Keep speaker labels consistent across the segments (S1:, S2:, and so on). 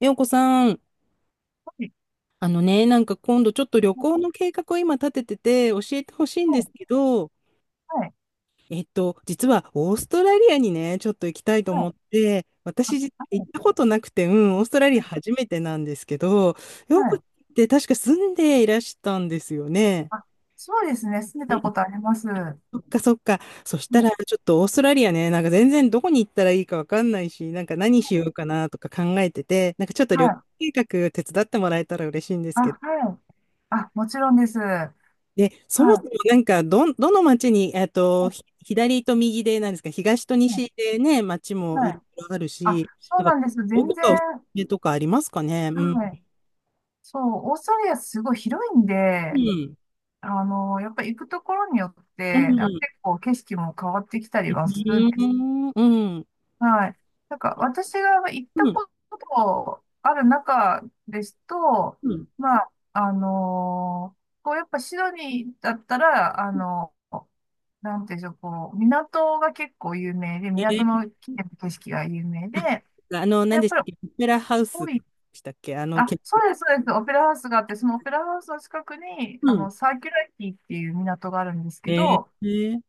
S1: ようこさん、
S2: はい、
S1: なんか今度ちょっと旅行の計画を今立ててて教えてほしいんで
S2: はい、
S1: すけど、
S2: はい、
S1: 実はオーストラリアにね、ちょっと行きたいと
S2: はい、
S1: 思って、
S2: あ、
S1: 私実は
S2: は
S1: 行
S2: い、
S1: ったことなくて、うん、オーストラリア
S2: は
S1: 初めてなんですけど、
S2: い、
S1: よ
S2: は
S1: う
S2: い、あ、はい、
S1: こ
S2: はい、
S1: って確か住んでいらしたんですよね。
S2: あ、そうですね。住んで
S1: う
S2: たこ
S1: ん、
S2: とあります。は
S1: そっかそっか。そしたら
S2: い、
S1: ちょっとオーストラリアね、なんか全然どこに行ったらいいかわかんないし、なんか何しようかなとか考えてて、なんかちょっと
S2: は
S1: 旅行
S2: い、
S1: 計画手伝ってもらえたら嬉しいんです
S2: あ、
S1: けど。
S2: はい。あ、もちろんです。はい、
S1: で、そもそもなんか、どの町に、
S2: はい、
S1: 左と右で、なんですか、東と
S2: はい。
S1: 西でね、町も
S2: は
S1: いろ
S2: い、
S1: いろある
S2: あ、
S1: し、
S2: そう
S1: なん
S2: な
S1: か、
S2: んです。
S1: ど
S2: 全
S1: こ
S2: 然、
S1: かおすすめとかありますかね。うん。
S2: はい。そう、オーストラリアすごい広いん
S1: う
S2: で、
S1: ん。
S2: あの、やっぱり行くところによっ
S1: う
S2: て、なんか
S1: ん。
S2: 結構景色も変わってきたりはする。
S1: うん。うん。
S2: はい。なんか、私が行った
S1: うん
S2: ことある中ですと、
S1: うん、
S2: まあ、こう、やっぱシドニーだったら、あの、なんていうんでしょう、こう、港が結構有名で、
S1: え
S2: 港
S1: ー、
S2: の景色が有名で、
S1: 何
S2: やっ
S1: でし
S2: ぱ
S1: た
S2: り
S1: っけ、オペラハウス
S2: 多
S1: で
S2: い。
S1: したっけ、
S2: あ、そうです、そうです、オペラハウスがあって、そのオペラハウスの近くに、あ
S1: う
S2: の、
S1: ん。
S2: サーキュラティっていう港があるんですけ
S1: え
S2: ど、
S1: ー、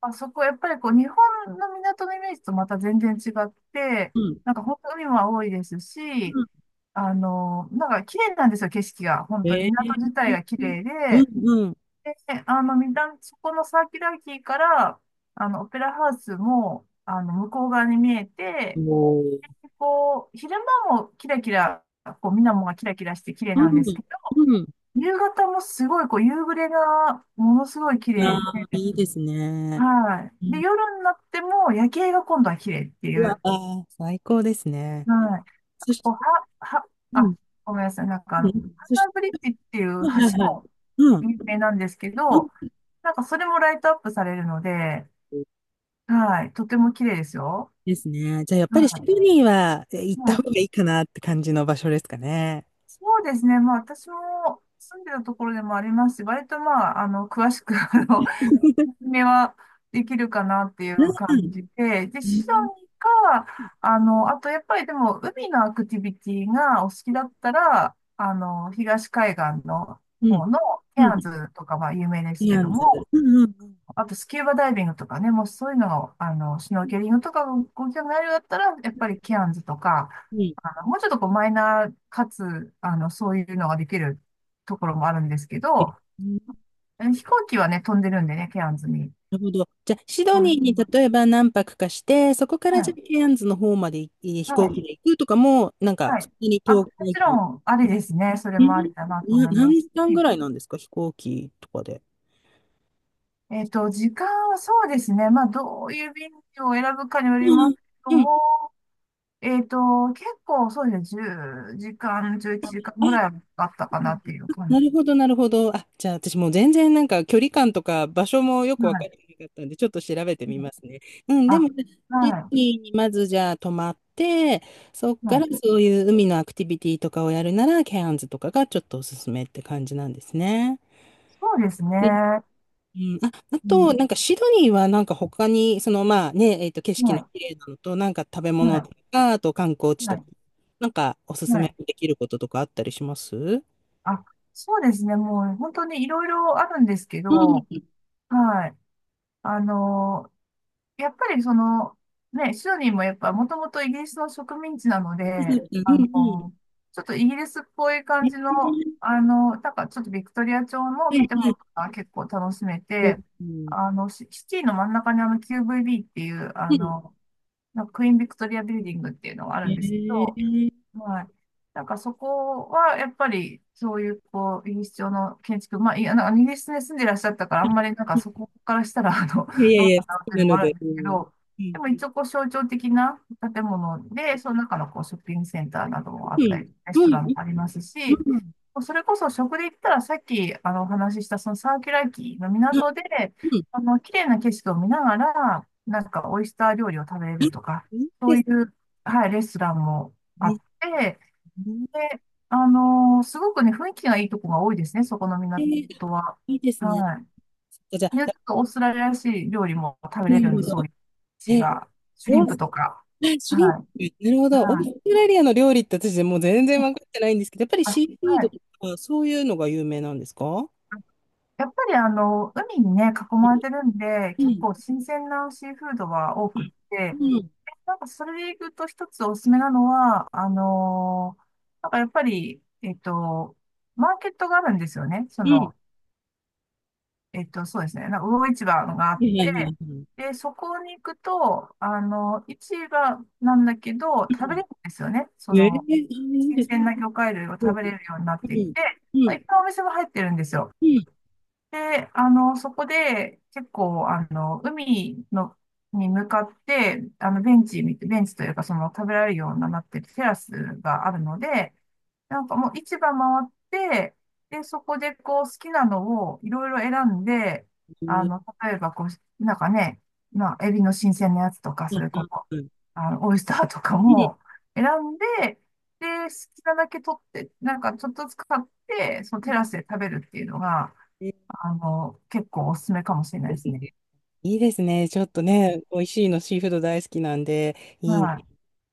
S2: あそこ、やっぱりこう、日本の港のイメージとまた全然違って、
S1: うん。
S2: なんか本当海も多いですし、
S1: うん、
S2: あの、なんか綺麗なんですよ、景色が。本当に
S1: え
S2: 港
S1: ー、
S2: 自体が綺麗
S1: う
S2: で、
S1: ん。
S2: で、あの、みなそこのサーキュラリティから、あの、オペラハウスも、あの、向こう側に見え
S1: う
S2: て、
S1: ん。おー、
S2: こう、昼間もキラキラ、こう、水面がキラキラして綺麗なん
S1: う
S2: です
S1: ん。
S2: けど、
S1: うん。
S2: 夕方もすごい、こう、夕暮れがものすごい綺
S1: あ
S2: 麗
S1: あ、
S2: で、
S1: いいですね。
S2: はい。で、夜になっても夜景が今度は綺麗ってい
S1: うわ
S2: う。
S1: あ、最高ですね。
S2: はい。
S1: そし
S2: こう
S1: て、
S2: は、は、
S1: うん、
S2: あ、ごめんなさい。なんかあ
S1: う
S2: の、ハ
S1: ん、
S2: ン
S1: そし
S2: ナ
S1: て、
S2: ブリッジっていう
S1: はいはい
S2: 橋
S1: はい。
S2: も
S1: うん、
S2: 有名なんですけ
S1: うん、
S2: ど、なんかそれもライトアップされるので、はい。とても綺麗ですよ。
S1: ですね。じゃあ、やっぱりシ
S2: は
S1: ドニーは行
S2: い。
S1: っ
S2: は
S1: た方
S2: い。
S1: がいいかなって感じの場所ですかね。
S2: そうですね。まあ私も住んでたところでもありますし、割とまあ、あの、詳しく、あの、めはできるかなってい
S1: う
S2: う感じ
S1: ん、
S2: で、で、
S1: う
S2: シド
S1: ん、
S2: ニーか、あの、あとやっぱりでも海のアクティビティがお好きだったら、あの、東海岸の方のケ
S1: うん、
S2: アンズとかは有名です
S1: ケ
S2: け
S1: ア
S2: ど
S1: ンズ。
S2: も、
S1: うんうんうん。
S2: あとスキューバダイビングとかね、もうそういうのをあの、シュノーケリングとかご興味あるようだったら、やっぱりケアンズとか、
S1: うん、
S2: あの、もうちょっとこうマイナーかつ、あの、そういうのができるところもあるんですけど、飛行機はね、飛んでるんでね、ケアンズに。
S1: なるほど。じゃあ、シド
S2: う
S1: ニーに
S2: ん、
S1: 例えば何泊かして、そこから
S2: は
S1: じゃ
S2: い。
S1: あケアンズの方まで飛
S2: は
S1: 行
S2: い。
S1: 機で行くとかも、なんか、
S2: は
S1: そ
S2: い。
S1: んなに
S2: あ、も
S1: 遠くないっ
S2: ち
S1: てい
S2: ろ
S1: う。
S2: ん、ありですね。それ
S1: え
S2: もあ
S1: ー
S2: りだなと
S1: な、
S2: 思いま
S1: 何時
S2: す
S1: 間ぐ
S2: し。
S1: らいなんですか、飛行機とかで。
S2: 時間はそうですね。まあ、どういう便を選ぶかによ
S1: う
S2: りま
S1: ん
S2: すけど
S1: うん。
S2: も、えっと、結構そうですね。10時間、11時間ぐ
S1: あ、
S2: らいあったかなっていう感
S1: なるほど、なるほど。あ、じゃあ私もう全然なんか距離感とか場所もよ
S2: じ。
S1: くわ
S2: は
S1: かって
S2: い。
S1: なかったんで、ちょっと調べて
S2: うん、
S1: みますね。うん、でも、
S2: あ、
S1: シド
S2: は
S1: ニーにまずじゃあ泊まって、そっ
S2: い。
S1: か
S2: は
S1: ら
S2: い。
S1: そういう海のアクティビティとかをやるなら、ケアンズとかがちょっとおすすめって感じなんですね。
S2: そうです
S1: うん
S2: ね。
S1: うん、あ、あ
S2: うん。
S1: と、なんかシドニーはなんか他に、そのまあね、景
S2: は
S1: 色の
S2: い。
S1: 綺麗なのと、なんか食べ
S2: は
S1: 物
S2: い。
S1: とか、あと観光地
S2: は
S1: とか、
S2: い。
S1: なんかおすす
S2: は
S1: め
S2: い。
S1: できることとかあったりします。
S2: あ、そうですね。もう本当にいろいろあるんですけ
S1: うん、
S2: ど、
S1: そ
S2: はい。あの、やっぱりその、ね、シドニーもやっぱもともとイギリスの植民地なの
S1: うそう
S2: で、
S1: そう、
S2: あ
S1: う
S2: の、
S1: んうん。
S2: ちょっとイギリスっぽい感じの、
S1: ええ、
S2: あの、なんかちょっとビクトリア朝の
S1: はい
S2: 建物
S1: はい、
S2: が結構楽しめ
S1: そう
S2: て、
S1: うん、
S2: あの、シシティの真ん中にあの QVB っていう、あ
S1: うん。
S2: の、なんかクイーンビクトリアビルディングっていうのがあ
S1: へ
S2: るんですけ
S1: え、
S2: ど、
S1: うん。
S2: はい。なんかそこは、やっぱり、そういう、こう、イギリス調の建築、まあ、いや、なんかイギリスに住んでいらっしゃったから、あんまりなんかそこからしたら、あの、
S1: いやいや
S2: ど
S1: い
S2: うか
S1: や、好
S2: なっ
S1: き
S2: ていう
S1: な
S2: のも
S1: の
S2: あるん
S1: で、
S2: で
S1: う
S2: すけ
S1: ん。
S2: ど、
S1: うん、
S2: でも一応、こう、象徴的な建物で、その中の、こう、ショッピングセンターなどもあ
S1: う
S2: った
S1: ん、
S2: り、レス
S1: う
S2: トラ
S1: ん、
S2: ン
S1: う
S2: も
S1: ん、
S2: ありますし、
S1: う
S2: それこそ食で言ったらさっきあのお話ししたそのサーキュラーキーの
S1: ん、あ、
S2: 港で、
S1: うん、
S2: あの、綺麗な景色を見ながら、なんかオイスター料理を食べれるとか、
S1: い
S2: そ
S1: いで
S2: うい
S1: す
S2: う、はい、レストランもあ
S1: ね。
S2: って、で、あのすごくね、雰囲気がいいとこが多いですね、そこの港
S1: へえ、
S2: は。
S1: いいですね。ち
S2: は
S1: ょっとじゃ
S2: い。
S1: あ、
S2: で、ちょっとオーストラリアらしい料理も食べ
S1: な
S2: れ
S1: る
S2: るん
S1: ほ
S2: で、そう
S1: ど。
S2: いう地
S1: え、
S2: が、シュリ
S1: オ
S2: ン
S1: ー
S2: プ
S1: ス
S2: とか。
S1: あ、シ
S2: は
S1: ュリン
S2: い。
S1: プ、なるほど。オー
S2: はい。
S1: ストラリアの料理って私もう全然分かってないんですけど、やっぱり
S2: あ、は
S1: シ
S2: い。
S1: ーフードとか、そういうのが有名なんですか？
S2: やっぱりあの、海にね、囲まれてるんで、
S1: う
S2: 結
S1: ん、
S2: 構新鮮なシーフードは多くっ
S1: う
S2: て、
S1: ん、うん、
S2: なんかそれでいくと一つおすすめなのは、なんかやっぱり、マーケットがあるんですよね。そ
S1: うん。
S2: の、そうですね。なんか魚市場があ
S1: は
S2: っ
S1: いはい
S2: て、
S1: はいはい。
S2: で、そこに行くと、あの、市場なんだけど、
S1: う
S2: 食べ
S1: ん。
S2: れるんですよね。そ
S1: ええ、あ、
S2: の、
S1: いい
S2: 新
S1: です。
S2: 鮮な魚介類を
S1: うん、
S2: 食べれるようになっ
S1: う
S2: てい
S1: ん、
S2: て、
S1: う
S2: まあ
S1: ん、
S2: いっぱいお店が入ってるんですよ。
S1: うん。え
S2: で、あの、そこで、結構、あの、海の、に向かって、あの、ベンチというか、その、食べられるようになってるテラスがあるので、なんかもう市場回って、で、そこでこう好きなのをいろいろ選んで、あ
S1: え、
S2: の、例えばこう、なんかね、まあ、エビの新鮮なやつとか、
S1: う
S2: そ
S1: ん、
S2: れ
S1: う
S2: こ
S1: ん、
S2: そ、
S1: うん、うん。
S2: あの、オイスターとかも選んで、で、好きなだけ取って、なんかちょっとずつ買って、そのテラスで食べるっていうのが、
S1: ええ、
S2: あの、結構おすすめかもしれないですね。
S1: いいですね。ちょっとね、美味しいの、シーフード大好きなんで、いい。
S2: は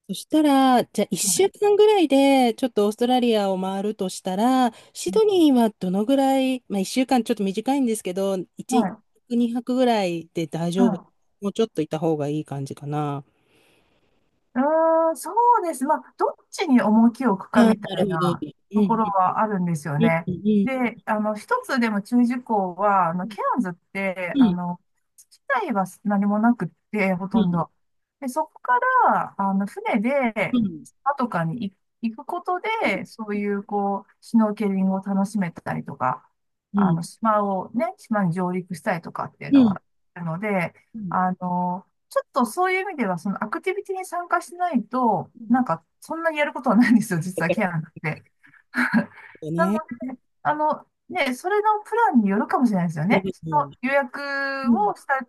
S1: そしたら、じゃあ
S2: い。は
S1: 1
S2: い。
S1: 週間ぐらいで、ちょっとオーストラリアを回るとしたら、シドニーはどのぐらい、まあ1週間ちょっと短いんですけど、1、
S2: はい。
S1: 2泊ぐらいで大
S2: は
S1: 丈夫。
S2: い。
S1: もうちょっといた方がいい感じかな。
S2: うーん、そうです。まあ、どっちに重きを置くか
S1: ああ、
S2: み
S1: な
S2: た
S1: る
S2: い
S1: ほど。
S2: な
S1: うん、う
S2: とこ
S1: ん、
S2: ろはあるんですよね。
S1: うん、
S2: で、あの、一つでも注意事項は、あの、
S1: う
S2: ケアンズって、あ
S1: ん、
S2: の、自体は何もなくって、ほ
S1: うん、
S2: とん
S1: うん、
S2: ど。で、そこから、あの、船
S1: う
S2: で、
S1: ん、うん、
S2: 島とかに行くことで、そういう、こう、シュノーケリングを楽しめたりとか、
S1: う
S2: あ
S1: ん、
S2: の、島をね、島に上陸したりとかっていう
S1: う
S2: の
S1: ん、
S2: はあるので、
S1: うん。
S2: あの、ちょっとそういう意味では、そのアクティビティに参加しないと、
S1: う
S2: な
S1: ん。
S2: んか、そんなにやることはないんですよ、実はケアなんて。なの、
S1: ね。
S2: あの、ね、それのプランによるかもしれないですよ
S1: は
S2: ね。
S1: ね、
S2: そ
S1: う
S2: の
S1: ん。
S2: 予約
S1: うん。
S2: をした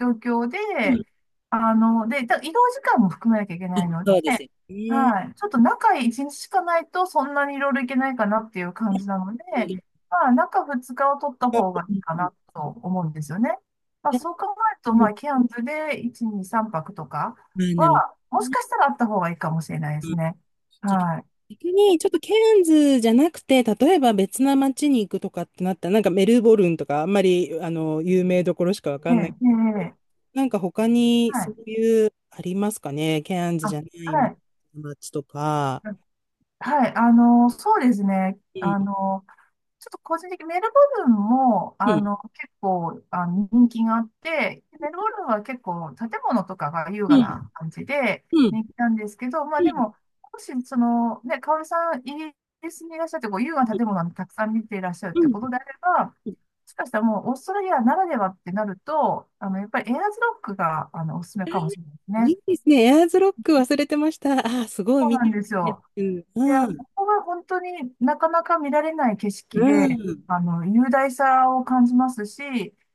S2: 状況
S1: うん。
S2: で、あの、で、移動時間も含めなきゃいけないの
S1: そうです
S2: で、
S1: よね。
S2: はい。ちょっと中1日しかないと、そんなにいろいろいけないかなっていう感じなので、
S1: うん
S2: まあ、中2日を取った方が
S1: う
S2: いいか
S1: ん。
S2: なと思うんですよね。まあ、
S1: じゃ、
S2: そう考える
S1: う
S2: と、
S1: ん、
S2: まあ、キ
S1: あ、
S2: ャンプで1、2、3泊とか
S1: なる
S2: は、も
S1: ほど
S2: し
S1: ね。
S2: かしたらあった方がいいかもしれないですね。
S1: じゃ、
S2: は
S1: 逆にちょっとケアンズじゃなくて、例えば別な街に行くとかってなったら、なんかメルボルンとかあんまりあの有名どころしかわか
S2: い。ええ、
S1: んない。
S2: ええ、
S1: けど
S2: ええ、
S1: なんか他に
S2: は
S1: そう
S2: い。
S1: いうありますかね。ケアンズじ
S2: あ、
S1: ゃない
S2: はい。
S1: 街とか。
S2: はい、あの、そうですね。
S1: うん。
S2: あの、ちょっと個人的にメルボルンも、
S1: う
S2: あ
S1: ん。
S2: の、結構、あの、人気があって、メルボルンは結構建物とかが優雅
S1: う
S2: な
S1: ん。
S2: 感じで
S1: うん。
S2: 人気なんですけど、まあ
S1: う
S2: で
S1: ん。
S2: も、もし、その、ね、香織さん、イギリスにいらっしゃって、こう、優雅な建物をたくさん見ていらっしゃるっ
S1: う
S2: て
S1: ん。
S2: ことであれば、も
S1: うん。
S2: しかしたらもう、オーストラリアならではってなると、あの、やっぱりエアーズロックが、あの、おすすめかもしれないです
S1: い
S2: ね。
S1: いですね。エアーズロック忘れてました。ああ、すごい
S2: そう
S1: 見
S2: なん
S1: て
S2: ですよ。
S1: る。う
S2: いや、
S1: ん。う
S2: そ
S1: ん。
S2: こが本当になかなか見られない景色
S1: う
S2: で、
S1: ん。
S2: 雄大さを感じますし、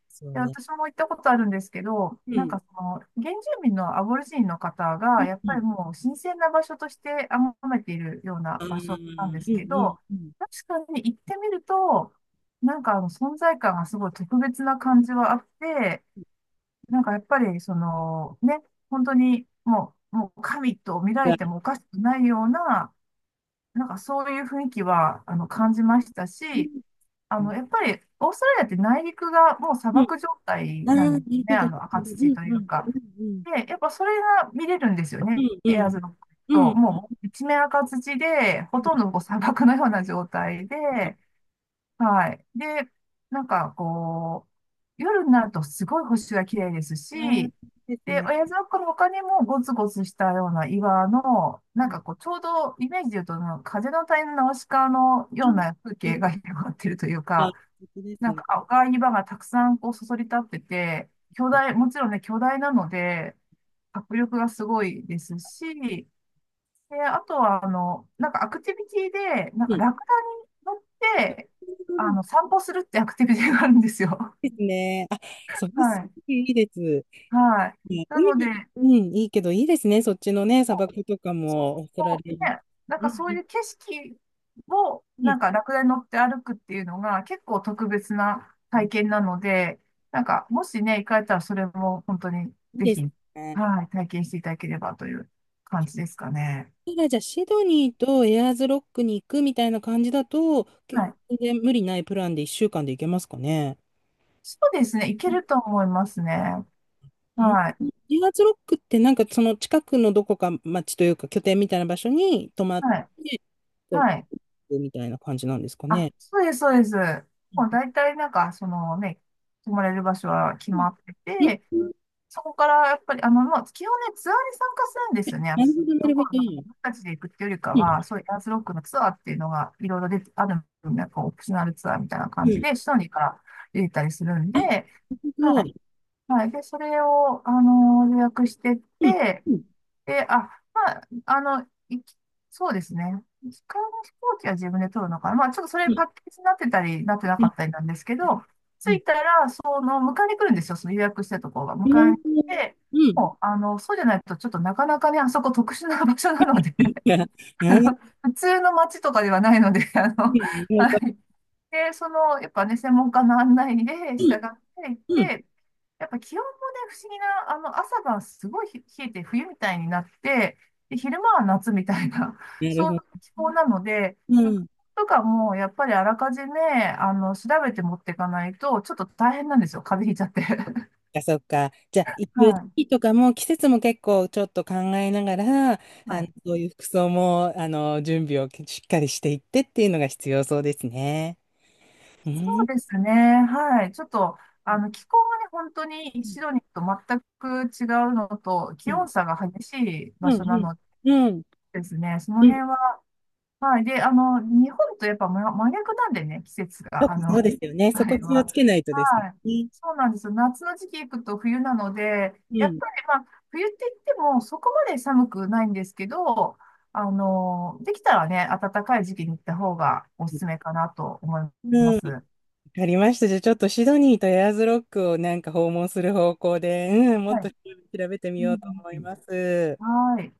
S1: そう
S2: で、
S1: ね。
S2: 私も行ったことあるんですけど、
S1: う
S2: なん
S1: ん。
S2: かその、原住民のアボリジニの方
S1: う
S2: が、やっぱり
S1: ん。
S2: もう神聖な場所として崇めているような場所なんです
S1: う
S2: けど、
S1: ん。
S2: 確かに行ってみると、なんかあの存在感がすごい特別な感じはあって、なんかやっぱりその、ね、本当にもう神と見ら
S1: あ
S2: れ
S1: あ、
S2: てもおかしくないような、なんかそういう雰囲気は、感じました
S1: うんうんう
S2: し、
S1: ん、そうね、
S2: やっぱり、オーストラリアって内陸がもう砂
S1: うんうん
S2: 漠状態
S1: うん、あ、うん
S2: な
S1: うんう
S2: ん
S1: んが、うんうん。ああ、な
S2: で
S1: る
S2: すね。
S1: ほ
S2: あ
S1: ど。
S2: の、
S1: う
S2: 赤土
S1: ん
S2: とい
S1: う
S2: う
S1: ん。う
S2: か。
S1: んうん。
S2: で、やっぱそれが見れるんですよ
S1: う
S2: ね。
S1: んう
S2: エアー
S1: ん。
S2: ズロック
S1: うん
S2: と、
S1: うん。
S2: もう一面赤土で、ほとんどこう砂漠のような状態で、
S1: うん。
S2: はい。で、なんかこう、夜になるとすごい星が綺麗です
S1: あー、
S2: し、
S1: そうです
S2: で、
S1: ね。
S2: 親父のの他にもゴツゴツしたような岩の、な
S1: う
S2: ん
S1: ん。
S2: かこう、ちょうどイメージで言うと、なんか風の谷のナウシカの
S1: あ、
S2: ような風
S1: や
S2: 景が
S1: っ
S2: 広がってるという
S1: た、素
S2: か、
S1: 敵です
S2: なんか
S1: ね。
S2: 赤い岩がたくさんこうそそり立ってて、巨
S1: うん。
S2: 大、もちろんね、巨大なので、迫力がすごいですし、で、あとは、なんかアクティビティで、なん
S1: う
S2: か
S1: ん。
S2: ラクダに乗って、散歩するってアクティビティがあるんですよ。
S1: ですね。あ、そ れ
S2: は
S1: す
S2: い。
S1: ごいいいです。
S2: はい。
S1: いや
S2: な
S1: い
S2: ので、
S1: い、うん、いいけど、いいですね。そっちのね、砂漠とかも、オーストラ
S2: そ
S1: リ
S2: うね、
S1: ア。
S2: なん
S1: う
S2: かそうい
S1: ん
S2: う景色を、な
S1: う
S2: んかラクダに乗って歩くっていうのが結構特別な体験
S1: ん、
S2: なので、なんか、もしね、行かれたらそれも本当に
S1: いい
S2: ぜ
S1: です
S2: ひ、
S1: ね。
S2: はい、体験していただければという感じですかね。
S1: それじゃあシドニーとエアーズロックに行くみたいな感じだと全
S2: はい。
S1: 然無理ないプランで一週間で行けますかね？
S2: そうですね、行けると思いますね。
S1: エ
S2: はい。
S1: アーズロックってなんかその近くのどこか町というか拠点みたいな場所に泊まっ
S2: はい。はい。
S1: てみたいな感じなんですか
S2: あ、
S1: ね？
S2: そうです、そうです。
S1: う
S2: もう
S1: ん、
S2: 大体なんか、そのね、泊まれる場所は決まってて、そこからやっぱり、まあ、基本ね、ツアーに参加するんですよね。
S1: なるほどな
S2: そ
S1: るほ
S2: こは
S1: ど
S2: なんか、
S1: ね。
S2: 僕たちで行くっていうよりかは、そういうエアーズロックのツアーっていうのが、いろいろ出て、あるんで、こう、オプショナルツアーみたいな感
S1: う
S2: じ
S1: ん、
S2: で、シドニーから出てたりするん
S1: あ、な
S2: で、
S1: るほ
S2: はい。
S1: ど。
S2: はい。で、それを、予約してっ
S1: うん
S2: て、
S1: うん
S2: で、あ、まあ、いきそうですね。機械の飛行機は自分で取るのかな。まあ、ちょっとそれ
S1: う
S2: パ
S1: ん
S2: ッケージになってたり、なってな
S1: うん
S2: か
S1: う
S2: った
S1: ん
S2: りなんですけど、着
S1: う
S2: いたら、その、迎えに来るんですよ。その予約したところが。
S1: ん
S2: 迎えに来て、
S1: うん
S2: もう、そうじゃないと、ちょっとなかなかね、あそこ特殊な場所なので、あの、普通の街とかではないので、はいで、その、やっぱね、専門家の案内で
S1: う
S2: 従
S1: ん。
S2: っていっ
S1: うん。
S2: て、やっぱ気温もね、不思議な、朝晩すごい冷えて冬みたいになって、で、昼間は夏みたいな、
S1: なる
S2: そうい
S1: ほ
S2: う
S1: ど。
S2: 気候なので、
S1: う
S2: 服
S1: ん。
S2: とかもやっぱりあらかじめ、調べて持っていかないと、ちょっと大変なんですよ。風邪ひいちゃって。
S1: あ、そっか。じゃあ、行く
S2: は
S1: 時
S2: い。
S1: 期とかも、季節も結構ちょっと考えながら、
S2: はい。
S1: そういう服装も、準備をしっかりしていってっていうのが必要そうですね。う
S2: そ
S1: ん。
S2: うですね。はい。ちょっと、気候がね、本当
S1: う
S2: に
S1: ん。
S2: シドニーと全く違うのと、
S1: う
S2: 気
S1: ん。
S2: 温差が激しい
S1: う
S2: 場
S1: ん。
S2: 所な
S1: うん。
S2: の
S1: うん
S2: ですね。その
S1: うん、
S2: 辺は、はい。で、日本とやっぱ真真逆なんでね、季節
S1: そう
S2: が、
S1: そうですよね。そ
S2: あ
S1: こ
S2: れ
S1: 気を
S2: は。
S1: つけないとです
S2: はい。
S1: ね。
S2: そうなんですよ。夏の時期行くと冬なので、
S1: う
S2: やっ
S1: ん。
S2: ぱりまあ、冬って言ってもそこまで寒くないんですけど、できたらね、暖かい時期に行った方がおす
S1: わ
S2: すめかなと思います。は
S1: かりました。じゃあ、ちょっとシドニーとエアーズロックをなんか訪問する方向で、うん、もっと
S2: い。
S1: 調べてみ
S2: う
S1: よう
S2: ん
S1: と思います。
S2: はい。